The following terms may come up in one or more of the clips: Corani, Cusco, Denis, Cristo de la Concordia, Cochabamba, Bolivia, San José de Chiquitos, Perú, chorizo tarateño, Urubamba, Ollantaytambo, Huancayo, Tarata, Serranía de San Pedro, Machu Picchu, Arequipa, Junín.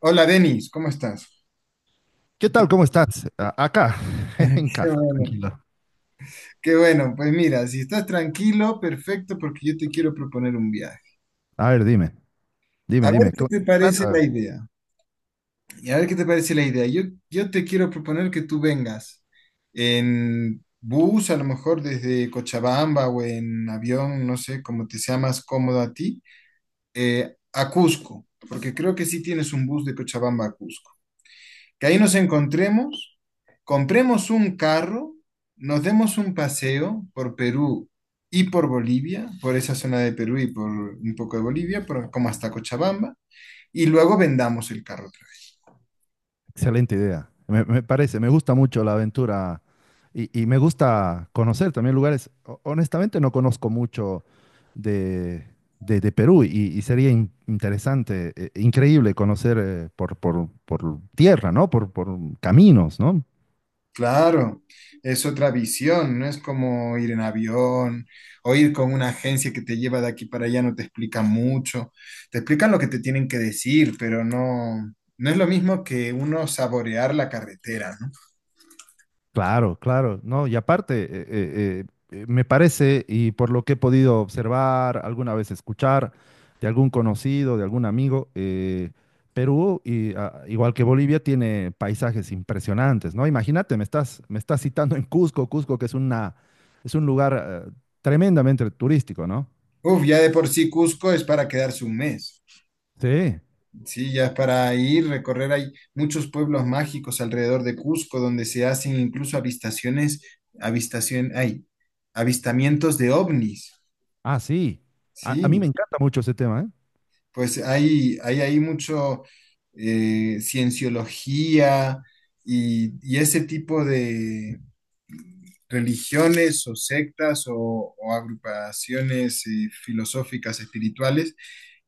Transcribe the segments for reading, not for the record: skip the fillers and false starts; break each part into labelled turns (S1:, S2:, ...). S1: Hola Denis, ¿cómo estás?
S2: ¿Qué tal? ¿Cómo estás? Acá, en
S1: Qué
S2: casa,
S1: bueno,
S2: tranquilo.
S1: qué bueno. Pues mira, si estás tranquilo, perfecto, porque yo te quiero proponer un viaje.
S2: A ver, dime,
S1: A
S2: dime,
S1: ver
S2: dime.
S1: qué
S2: ¿Cómo
S1: te
S2: se
S1: parece
S2: trata?
S1: la idea. Y a ver qué te parece la idea. Yo te quiero proponer que tú vengas en bus, a lo mejor desde Cochabamba o en avión, no sé, como te sea más cómodo a ti, a Cusco, porque creo que sí tienes un bus de Cochabamba a Cusco. Que ahí nos encontremos, compremos un carro, nos demos un paseo por Perú y por Bolivia, por esa zona de Perú y por un poco de Bolivia, como hasta Cochabamba, y luego vendamos el carro otra vez.
S2: Excelente idea. Me parece, me gusta mucho la aventura y me gusta conocer también lugares. Honestamente, no conozco mucho de, de Perú, y sería interesante, increíble conocer por tierra, ¿no? Por caminos, ¿no?
S1: Claro, es otra visión, no es como ir en avión o ir con una agencia que te lleva de aquí para allá, no te explica mucho, te explican lo que te tienen que decir, pero no, no es lo mismo que uno saborear la carretera, ¿no?
S2: Claro, claro, no, y aparte, me parece, y por lo que he podido observar, alguna vez escuchar de algún conocido, de algún amigo, Perú, y, ah, igual que Bolivia, tiene paisajes impresionantes, ¿no? Imagínate, me estás citando en Cusco. Cusco, que es un lugar tremendamente turístico, ¿no?
S1: Uf, ya de por sí Cusco es para quedarse un mes.
S2: Sí,
S1: Sí, ya es para ir, recorrer. Hay muchos pueblos mágicos alrededor de Cusco donde se hacen incluso avistaciones, avistación, hay avistamientos de ovnis.
S2: ah, sí. A mí
S1: Sí,
S2: me encanta mucho ese tema, ¿eh?
S1: pues hay mucho cienciología y ese tipo de religiones o sectas o agrupaciones filosóficas espirituales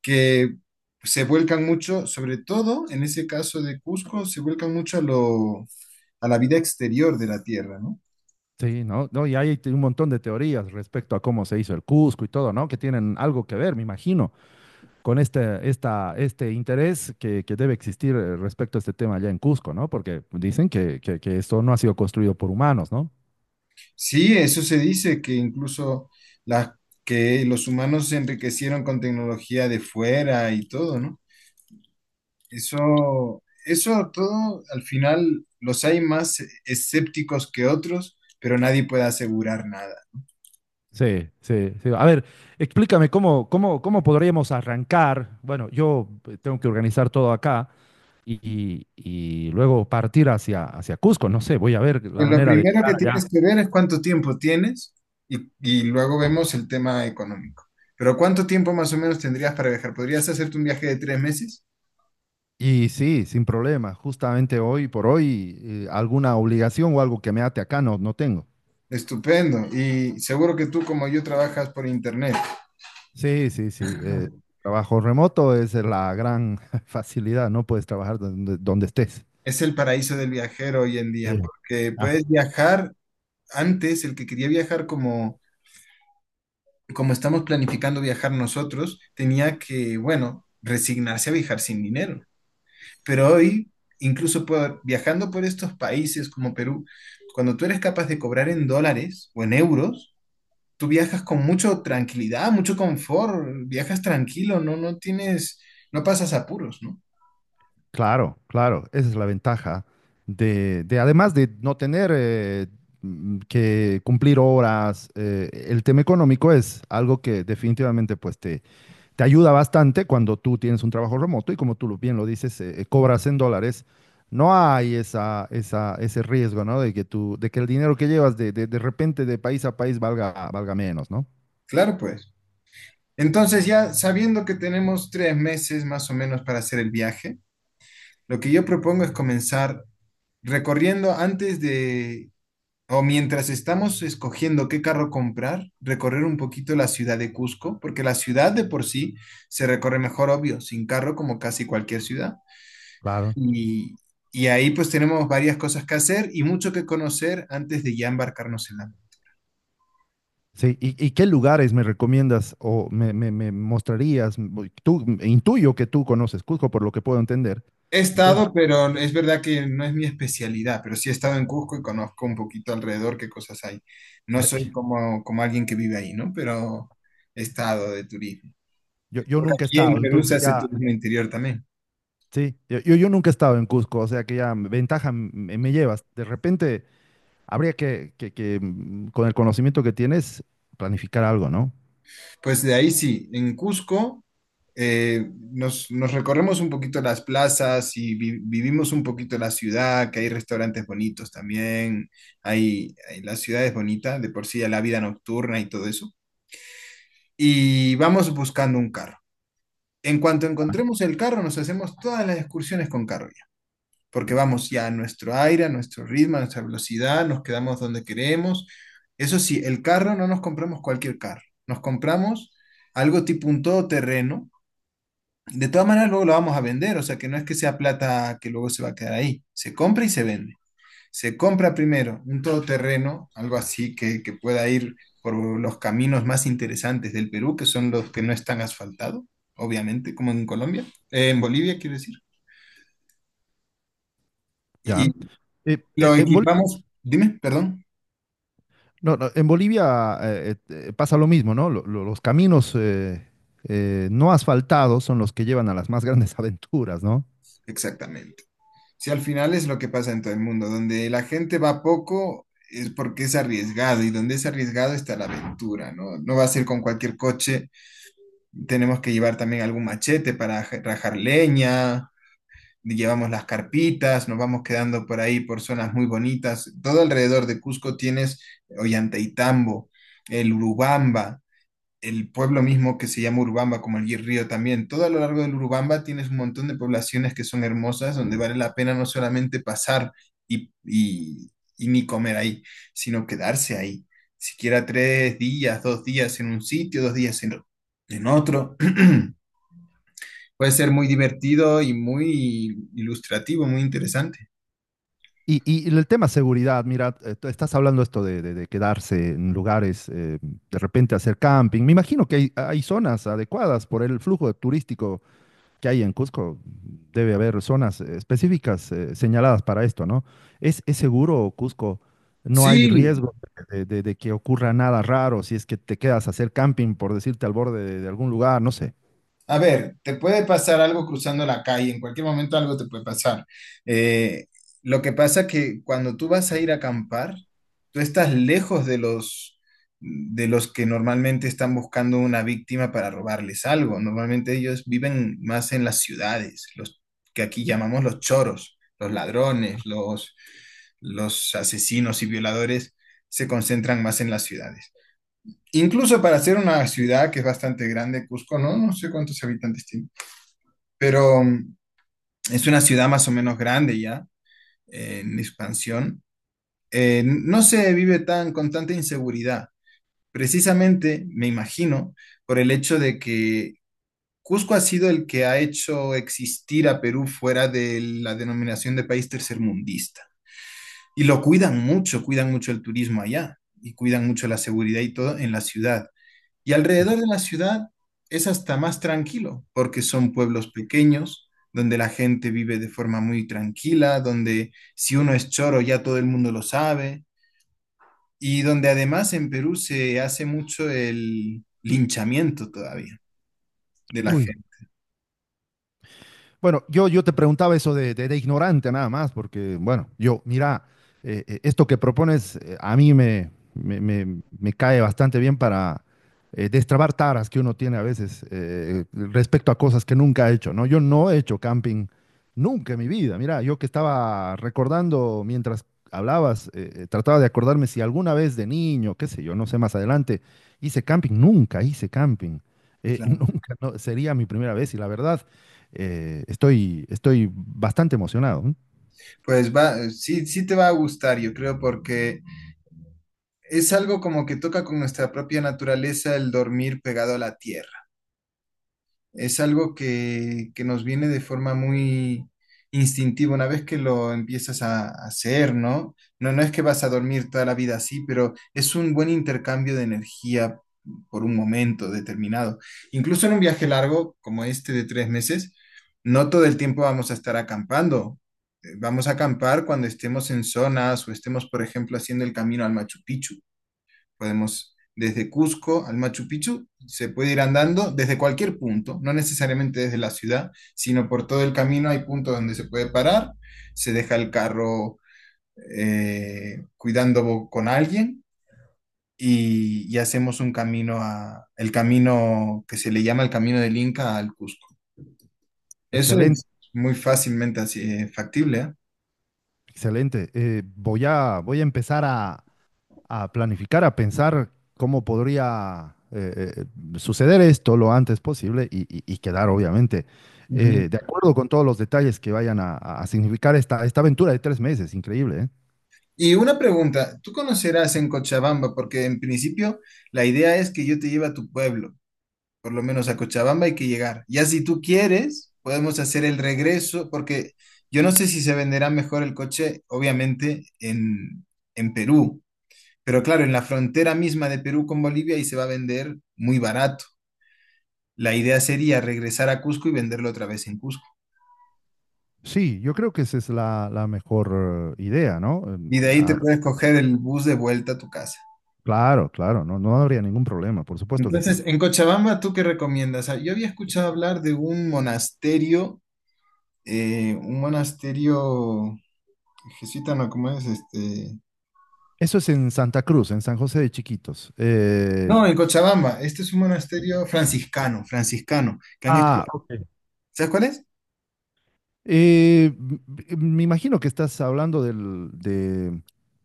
S1: que se vuelcan mucho, sobre todo en ese caso de Cusco, se vuelcan mucho a lo, a la vida exterior de la Tierra, ¿no?
S2: Sí, ¿no? No, y hay un montón de teorías respecto a cómo se hizo el Cusco y todo, ¿no? Que tienen algo que ver, me imagino, con este interés que debe existir respecto a este tema allá en Cusco, ¿no? Porque dicen que esto no ha sido construido por humanos, ¿no?
S1: Sí, eso se dice que incluso la, que los humanos se enriquecieron con tecnología de fuera y todo, ¿no? Eso todo, al final, los hay más escépticos que otros, pero nadie puede asegurar nada.
S2: Sí, sí, sí. A ver, explícame cómo podríamos arrancar. Bueno, yo tengo que organizar todo acá y luego partir hacia Cusco. No sé, voy a ver la
S1: Pues lo
S2: manera de
S1: primero
S2: llegar
S1: que tienes
S2: allá.
S1: que ver es cuánto tiempo tienes y luego vemos el tema económico. Pero ¿cuánto tiempo más o menos tendrías para viajar? ¿Podrías hacerte un viaje de 3 meses?
S2: Y sí, sin problema. Justamente hoy por hoy, alguna obligación o algo que me ate acá no tengo.
S1: Estupendo. Y seguro que tú, como yo, trabajas por internet.
S2: Sí, sí, sí. eh, trabajo remoto es la gran facilidad, no puedes trabajar donde estés.
S1: Es el paraíso del viajero hoy en
S2: Sí.
S1: día, porque
S2: Ah,
S1: puedes viajar. Antes, el que quería viajar como, como estamos planificando viajar nosotros, tenía que, bueno, resignarse a viajar sin dinero. Pero hoy, incluso viajando por estos países como Perú, cuando tú eres capaz de cobrar en dólares o en euros, tú viajas con mucha tranquilidad, mucho confort, viajas tranquilo, no, no tienes, no pasas apuros, ¿no?
S2: claro, claro, esa es la ventaja de, además de no tener que cumplir horas. El tema económico es algo que definitivamente pues te ayuda bastante cuando tú tienes un trabajo remoto y, como tú bien lo dices, cobras en dólares. No hay ese riesgo, ¿no? De que el dinero que llevas de repente de país a país valga menos, ¿no?
S1: Claro, pues. Entonces, ya sabiendo que tenemos tres meses más o menos para hacer el viaje, lo que yo propongo es comenzar recorriendo antes de o mientras estamos escogiendo qué carro comprar, recorrer un poquito la ciudad de Cusco, porque la ciudad de por sí se recorre mejor, obvio, sin carro como casi cualquier ciudad.
S2: Claro.
S1: Y, y ahí pues tenemos varias cosas que hacer y mucho que conocer antes de ya embarcarnos en la meta.
S2: Sí, ¿y qué lugares me recomiendas o me mostrarías? Tú, intuyo que tú conoces Cusco, por lo que puedo entender.
S1: He
S2: Entonces,
S1: estado, pero es verdad que no es mi especialidad, pero sí he estado en Cusco y conozco un poquito alrededor qué cosas hay. No soy como, como alguien que vive ahí, ¿no? Pero he estado de turismo.
S2: yo
S1: Porque
S2: nunca he
S1: aquí en
S2: estado.
S1: Perú
S2: Entonces
S1: se hace
S2: ya,
S1: turismo interior también.
S2: sí, yo nunca he estado en Cusco, o sea que ya ventaja me llevas. De repente, habría que, con el conocimiento que tienes, planificar algo, ¿no?
S1: Pues de ahí sí, en Cusco nos recorremos un poquito las plazas y vivimos un poquito la ciudad, que hay restaurantes bonitos también, la ciudad es bonita, de por sí ya la vida nocturna y todo eso. Y vamos buscando un carro. En cuanto encontremos el carro, nos hacemos todas las excursiones con carro porque vamos ya a nuestro aire, a nuestro ritmo, a nuestra velocidad, nos quedamos donde queremos. Eso sí, el carro no nos compramos cualquier carro, nos compramos algo tipo un todoterreno. De todas maneras, luego lo vamos a vender, o sea que no es que sea plata que luego se va a quedar ahí, se compra y se vende. Se compra primero un todoterreno, algo así que pueda ir por los caminos más interesantes del Perú, que son los que no están asfaltados, obviamente, como en Colombia, en Bolivia, quiero decir. Y
S2: Ya. Eh, eh,
S1: lo
S2: en Bol-
S1: equipamos, dime, perdón.
S2: no, no, en Bolivia pasa lo mismo, ¿no? Los caminos no asfaltados son los que llevan a las más grandes aventuras, ¿no?
S1: Exactamente. Si al final es lo que pasa en todo el mundo, donde la gente va poco es porque es arriesgado y donde es arriesgado está la aventura, ¿no? No va a ser con cualquier coche, tenemos que llevar también algún machete para rajar leña, llevamos las carpitas, nos vamos quedando por ahí por zonas muy bonitas. Todo alrededor de Cusco tienes Ollantaytambo, el Urubamba, el pueblo mismo que se llama Urubamba, como el río también. Todo a lo largo del Urubamba tienes un montón de poblaciones que son hermosas, donde vale la pena no solamente pasar y, y, y ni comer ahí, sino quedarse ahí. Siquiera tres días, dos días en un sitio, dos días en otro. Puede ser muy divertido y muy ilustrativo, muy interesante.
S2: Y el tema seguridad, mira, tú estás hablando esto de quedarse en lugares, de repente hacer camping. Me imagino que hay zonas adecuadas por el flujo turístico que hay en Cusco, debe haber zonas específicas señaladas para esto, ¿no? ¿Es seguro Cusco? No hay
S1: Sí,
S2: riesgo de que ocurra nada raro si es que te quedas a hacer camping, por decirte, al borde de algún lugar, no sé.
S1: a ver, te puede pasar algo cruzando la calle, en cualquier momento algo te puede pasar. Eh, lo que pasa que cuando tú vas a ir a acampar, tú estás lejos de los que normalmente están buscando una víctima para robarles algo. Normalmente ellos viven más en las ciudades, los que aquí llamamos los choros, los ladrones, los asesinos y violadores se concentran más en las ciudades. Incluso para ser una ciudad que es bastante grande, Cusco, ¿no? No sé cuántos habitantes tiene, pero es una ciudad más o menos grande ya, en expansión. No se vive tan con tanta inseguridad, precisamente, me imagino, por el hecho de que Cusco ha sido el que ha hecho existir a Perú fuera de la denominación de país tercermundista. Y lo cuidan mucho el turismo allá y cuidan mucho la seguridad y todo en la ciudad. Y alrededor de la ciudad es hasta más tranquilo, porque son pueblos pequeños, donde la gente vive de forma muy tranquila, donde si uno es choro ya todo el mundo lo sabe, y donde además en Perú se hace mucho el linchamiento todavía de la
S2: Uy.
S1: gente.
S2: Bueno, yo te preguntaba eso de ignorante nada más, porque, bueno, mira, esto que propones, a mí me cae bastante bien para destrabar taras que uno tiene a veces, respecto a cosas que nunca ha hecho, ¿no? Yo no he hecho camping nunca en mi vida. Mira, yo que estaba recordando mientras hablabas, trataba de acordarme si alguna vez de niño, qué sé yo, no sé, más adelante, hice camping. Nunca hice camping.
S1: Claro.
S2: Nunca, no, sería mi primera vez, y la verdad, estoy bastante emocionado. ¿Eh?
S1: Pues va, sí, sí te va a gustar, yo creo, porque es algo como que toca con nuestra propia naturaleza el dormir pegado a la tierra. Es algo que nos viene de forma muy instintiva una vez que lo empiezas a hacer, ¿no? No, no es que vas a dormir toda la vida así, pero es un buen intercambio de energía por un momento determinado. Incluso en un viaje largo como este de 3 meses, no todo el tiempo vamos a estar acampando. Vamos a acampar cuando estemos en zonas o estemos, por ejemplo, haciendo el camino al Machu Picchu. Podemos desde Cusco al Machu Picchu, se puede ir andando desde cualquier punto, no necesariamente desde la ciudad, sino por todo el camino hay puntos donde se puede parar, se deja el carro cuidando con alguien y hacemos un camino a, el camino que se le llama el camino del Inca al Cusco. Eso es
S2: Excelente,
S1: muy fácilmente así, factible, ¿eh?
S2: excelente. Voy a empezar a, planificar, a pensar cómo podría suceder esto lo antes posible y quedar, obviamente,
S1: Ujú.
S2: de acuerdo con todos los detalles que vayan a significar esta aventura de 3 meses. Increíble, ¿eh?
S1: Y una pregunta, ¿tú conocerás en Cochabamba? Porque en principio la idea es que yo te lleve a tu pueblo. Por lo menos a Cochabamba hay que llegar. Ya si tú quieres, podemos hacer el regreso, porque yo no sé si se venderá mejor el coche, obviamente, en Perú, pero claro, en la frontera misma de Perú con Bolivia y se va a vender muy barato. La idea sería regresar a Cusco y venderlo otra vez en Cusco.
S2: Sí, yo creo que esa es la mejor idea, ¿no?
S1: Y de ahí te puedes coger el bus de vuelta a tu casa.
S2: Claro, claro, no, no habría ningún problema, por supuesto que sí.
S1: Entonces, en Cochabamba, ¿tú qué recomiendas? Ah, yo había escuchado hablar de un monasterio jesuita, ¿no? ¿Cómo es? Este,
S2: Eso es en Santa Cruz, en San José de Chiquitos.
S1: no, en Cochabamba. Este es un monasterio franciscano, que han hecho.
S2: Ok.
S1: ¿Sabes cuál es?
S2: eh, m- me imagino que estás hablando de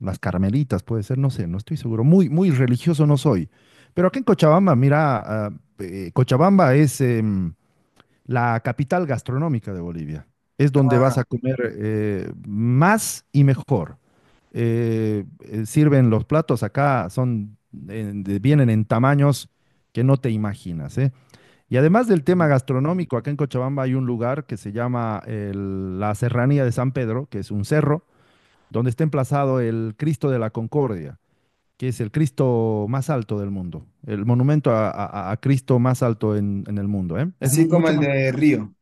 S2: las carmelitas, puede ser, no sé, no estoy seguro. Muy, muy religioso no soy. Pero aquí en Cochabamba, mira, Cochabamba es la capital gastronómica de Bolivia. Es donde vas a comer más y mejor. Sirven los platos acá, vienen en tamaños que no te imaginas, ¿eh? Y además del tema gastronómico, acá en Cochabamba hay un lugar que se llama la Serranía de San Pedro, que es un cerro, donde está emplazado el Cristo de la Concordia, que es el Cristo más alto del mundo, el monumento a Cristo más alto en el mundo, ¿eh? Es
S1: Así como
S2: mucho
S1: el
S2: más,
S1: de Río.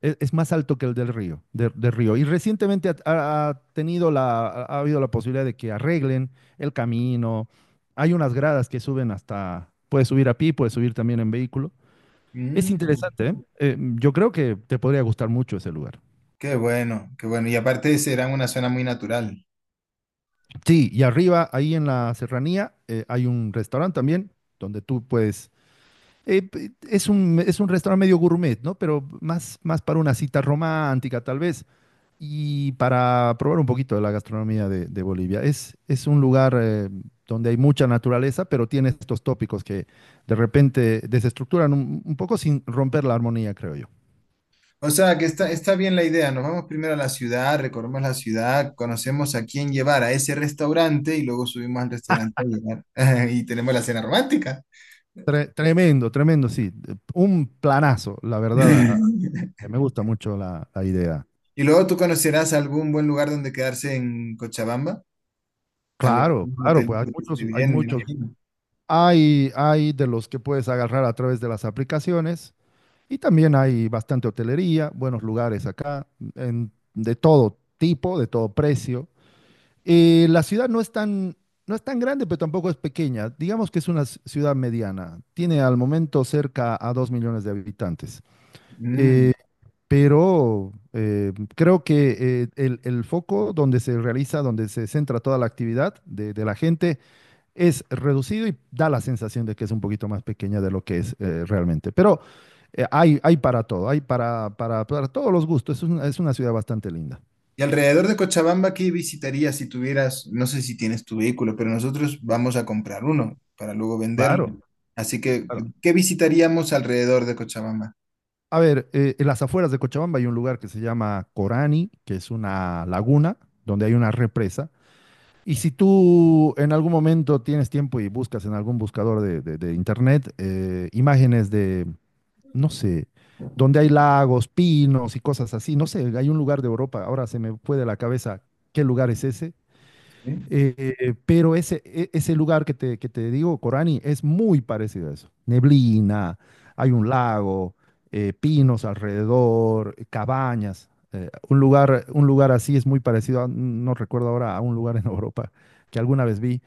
S2: es más alto que el del río, del río. Y recientemente ha habido la posibilidad de que arreglen el camino. Hay unas gradas que suben hasta. Puedes subir a pie, puedes subir también en vehículo. Es
S1: Mm,
S2: interesante, ¿eh? Yo creo que te podría gustar mucho ese lugar.
S1: qué bueno, qué bueno. Y aparte será una zona muy natural.
S2: Sí, y arriba, ahí en la serranía, hay un restaurante también donde tú puedes... Es un restaurante medio gourmet, ¿no? Pero más para una cita romántica, tal vez, y para probar un poquito de la gastronomía de Bolivia. Es un lugar donde hay mucha naturaleza, pero tiene estos tópicos que de repente desestructuran un poco sin romper la armonía, creo yo.
S1: O sea, que está, está bien la idea. Nos vamos primero a la ciudad, recorremos la ciudad, conocemos a quién llevar a ese restaurante y luego subimos al restaurante a llevar. Y tenemos la cena romántica.
S2: Tremendo, tremendo, sí. Un planazo, la verdad. Me gusta mucho la idea.
S1: Y luego tú conocerás algún buen lugar donde quedarse en Cochabamba.
S2: Claro,
S1: Algún
S2: claro,
S1: hotel
S2: pues hay
S1: que esté
S2: muchos, hay
S1: bien, me
S2: muchos.
S1: imagino.
S2: Hay de los que puedes agarrar a través de las aplicaciones, y también hay bastante hotelería, buenos lugares acá, de todo tipo, de todo precio. Y la ciudad no es tan grande, pero tampoco es pequeña. Digamos que es una ciudad mediana. Tiene al momento cerca a 2 millones de habitantes.
S1: Mm.
S2: Eh, pero creo que el foco donde se centra toda la actividad de la gente es reducido, y da la sensación de que es un poquito más pequeña de lo que es, realmente. Pero hay para todo, hay para todos los gustos. Es una ciudad bastante linda.
S1: Y alrededor de Cochabamba, ¿qué visitarías si tuvieras, no sé si tienes tu vehículo, pero nosotros vamos a comprar uno para luego venderlo.
S2: Claro,
S1: Así que,
S2: claro.
S1: ¿qué visitaríamos alrededor de Cochabamba?
S2: A ver, en las afueras de Cochabamba hay un lugar que se llama Corani, que es una laguna donde hay una represa. Y si tú en algún momento tienes tiempo y buscas en algún buscador de internet imágenes de, no sé, donde hay lagos, pinos y cosas así, no sé, hay un lugar de Europa. Ahora se me fue de la cabeza qué lugar es ese,
S1: ¿Sí?
S2: pero ese lugar que te, digo, Corani, es muy parecido a eso. Neblina, hay un lago, pinos alrededor, cabañas. Un lugar así es muy parecido, no recuerdo ahora, a un lugar en Europa que alguna vez vi.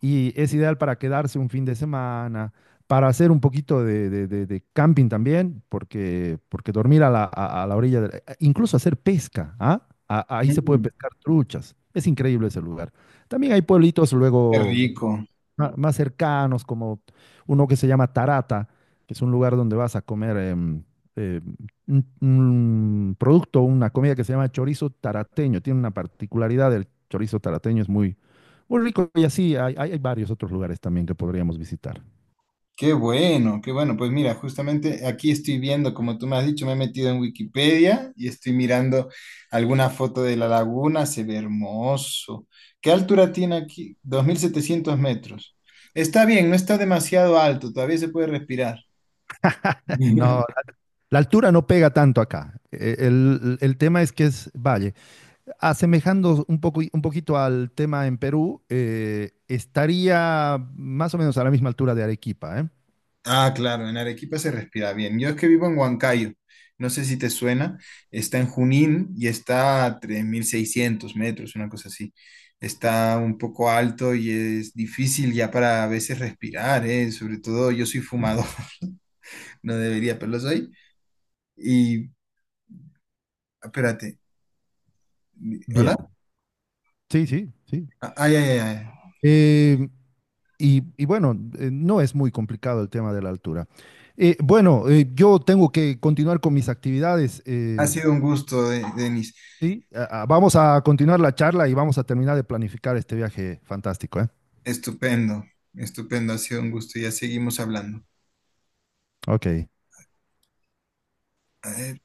S2: Y es ideal para quedarse un fin de semana, para hacer un poquito de camping también, porque, dormir a la orilla incluso hacer pesca, ¿ah? Ahí se puede
S1: Mm,
S2: pescar truchas. Es increíble ese lugar. También hay pueblitos
S1: qué
S2: luego
S1: rico,
S2: más cercanos, como uno que se llama Tarata, que es un lugar donde vas a comer eh, una comida que se llama chorizo tarateño. Tiene una particularidad, el chorizo tarateño es muy, muy rico, y así hay varios otros lugares también que podríamos visitar.
S1: qué bueno, qué bueno. Pues mira, justamente aquí estoy viendo, como tú me has dicho, me he metido en Wikipedia y estoy mirando alguna foto de la laguna, se ve hermoso. ¿Qué altura tiene aquí? 2700 metros. Está bien, no está demasiado alto, todavía se puede respirar.
S2: No, la altura no pega tanto acá. El tema es que es valle. Asemejando un poquito al tema en Perú, estaría más o menos a la misma altura de Arequipa, ¿eh?
S1: Ah, claro, en Arequipa se respira bien. Yo es que vivo en Huancayo, no sé si te suena, está en Junín y está a 3600 metros, una cosa así. Está un poco alto y es difícil ya para a veces respirar, ¿eh? Sobre todo yo soy fumador, no debería, pero lo soy. Y espérate,
S2: Bien,
S1: ¿hola?
S2: sí, sí, sí.
S1: Ah, ay, ay, ay.
S2: Eh, y bueno, no es muy complicado el tema de la altura. Bueno, yo tengo que continuar con mis actividades.
S1: Ha
S2: eh,
S1: sido un gusto, De- Denis.
S2: sí, vamos a continuar la charla, y vamos a terminar de planificar este viaje fantástico, ¿eh?
S1: Estupendo, estupendo, ha sido un gusto. Ya seguimos hablando.
S2: Ok.
S1: A ver.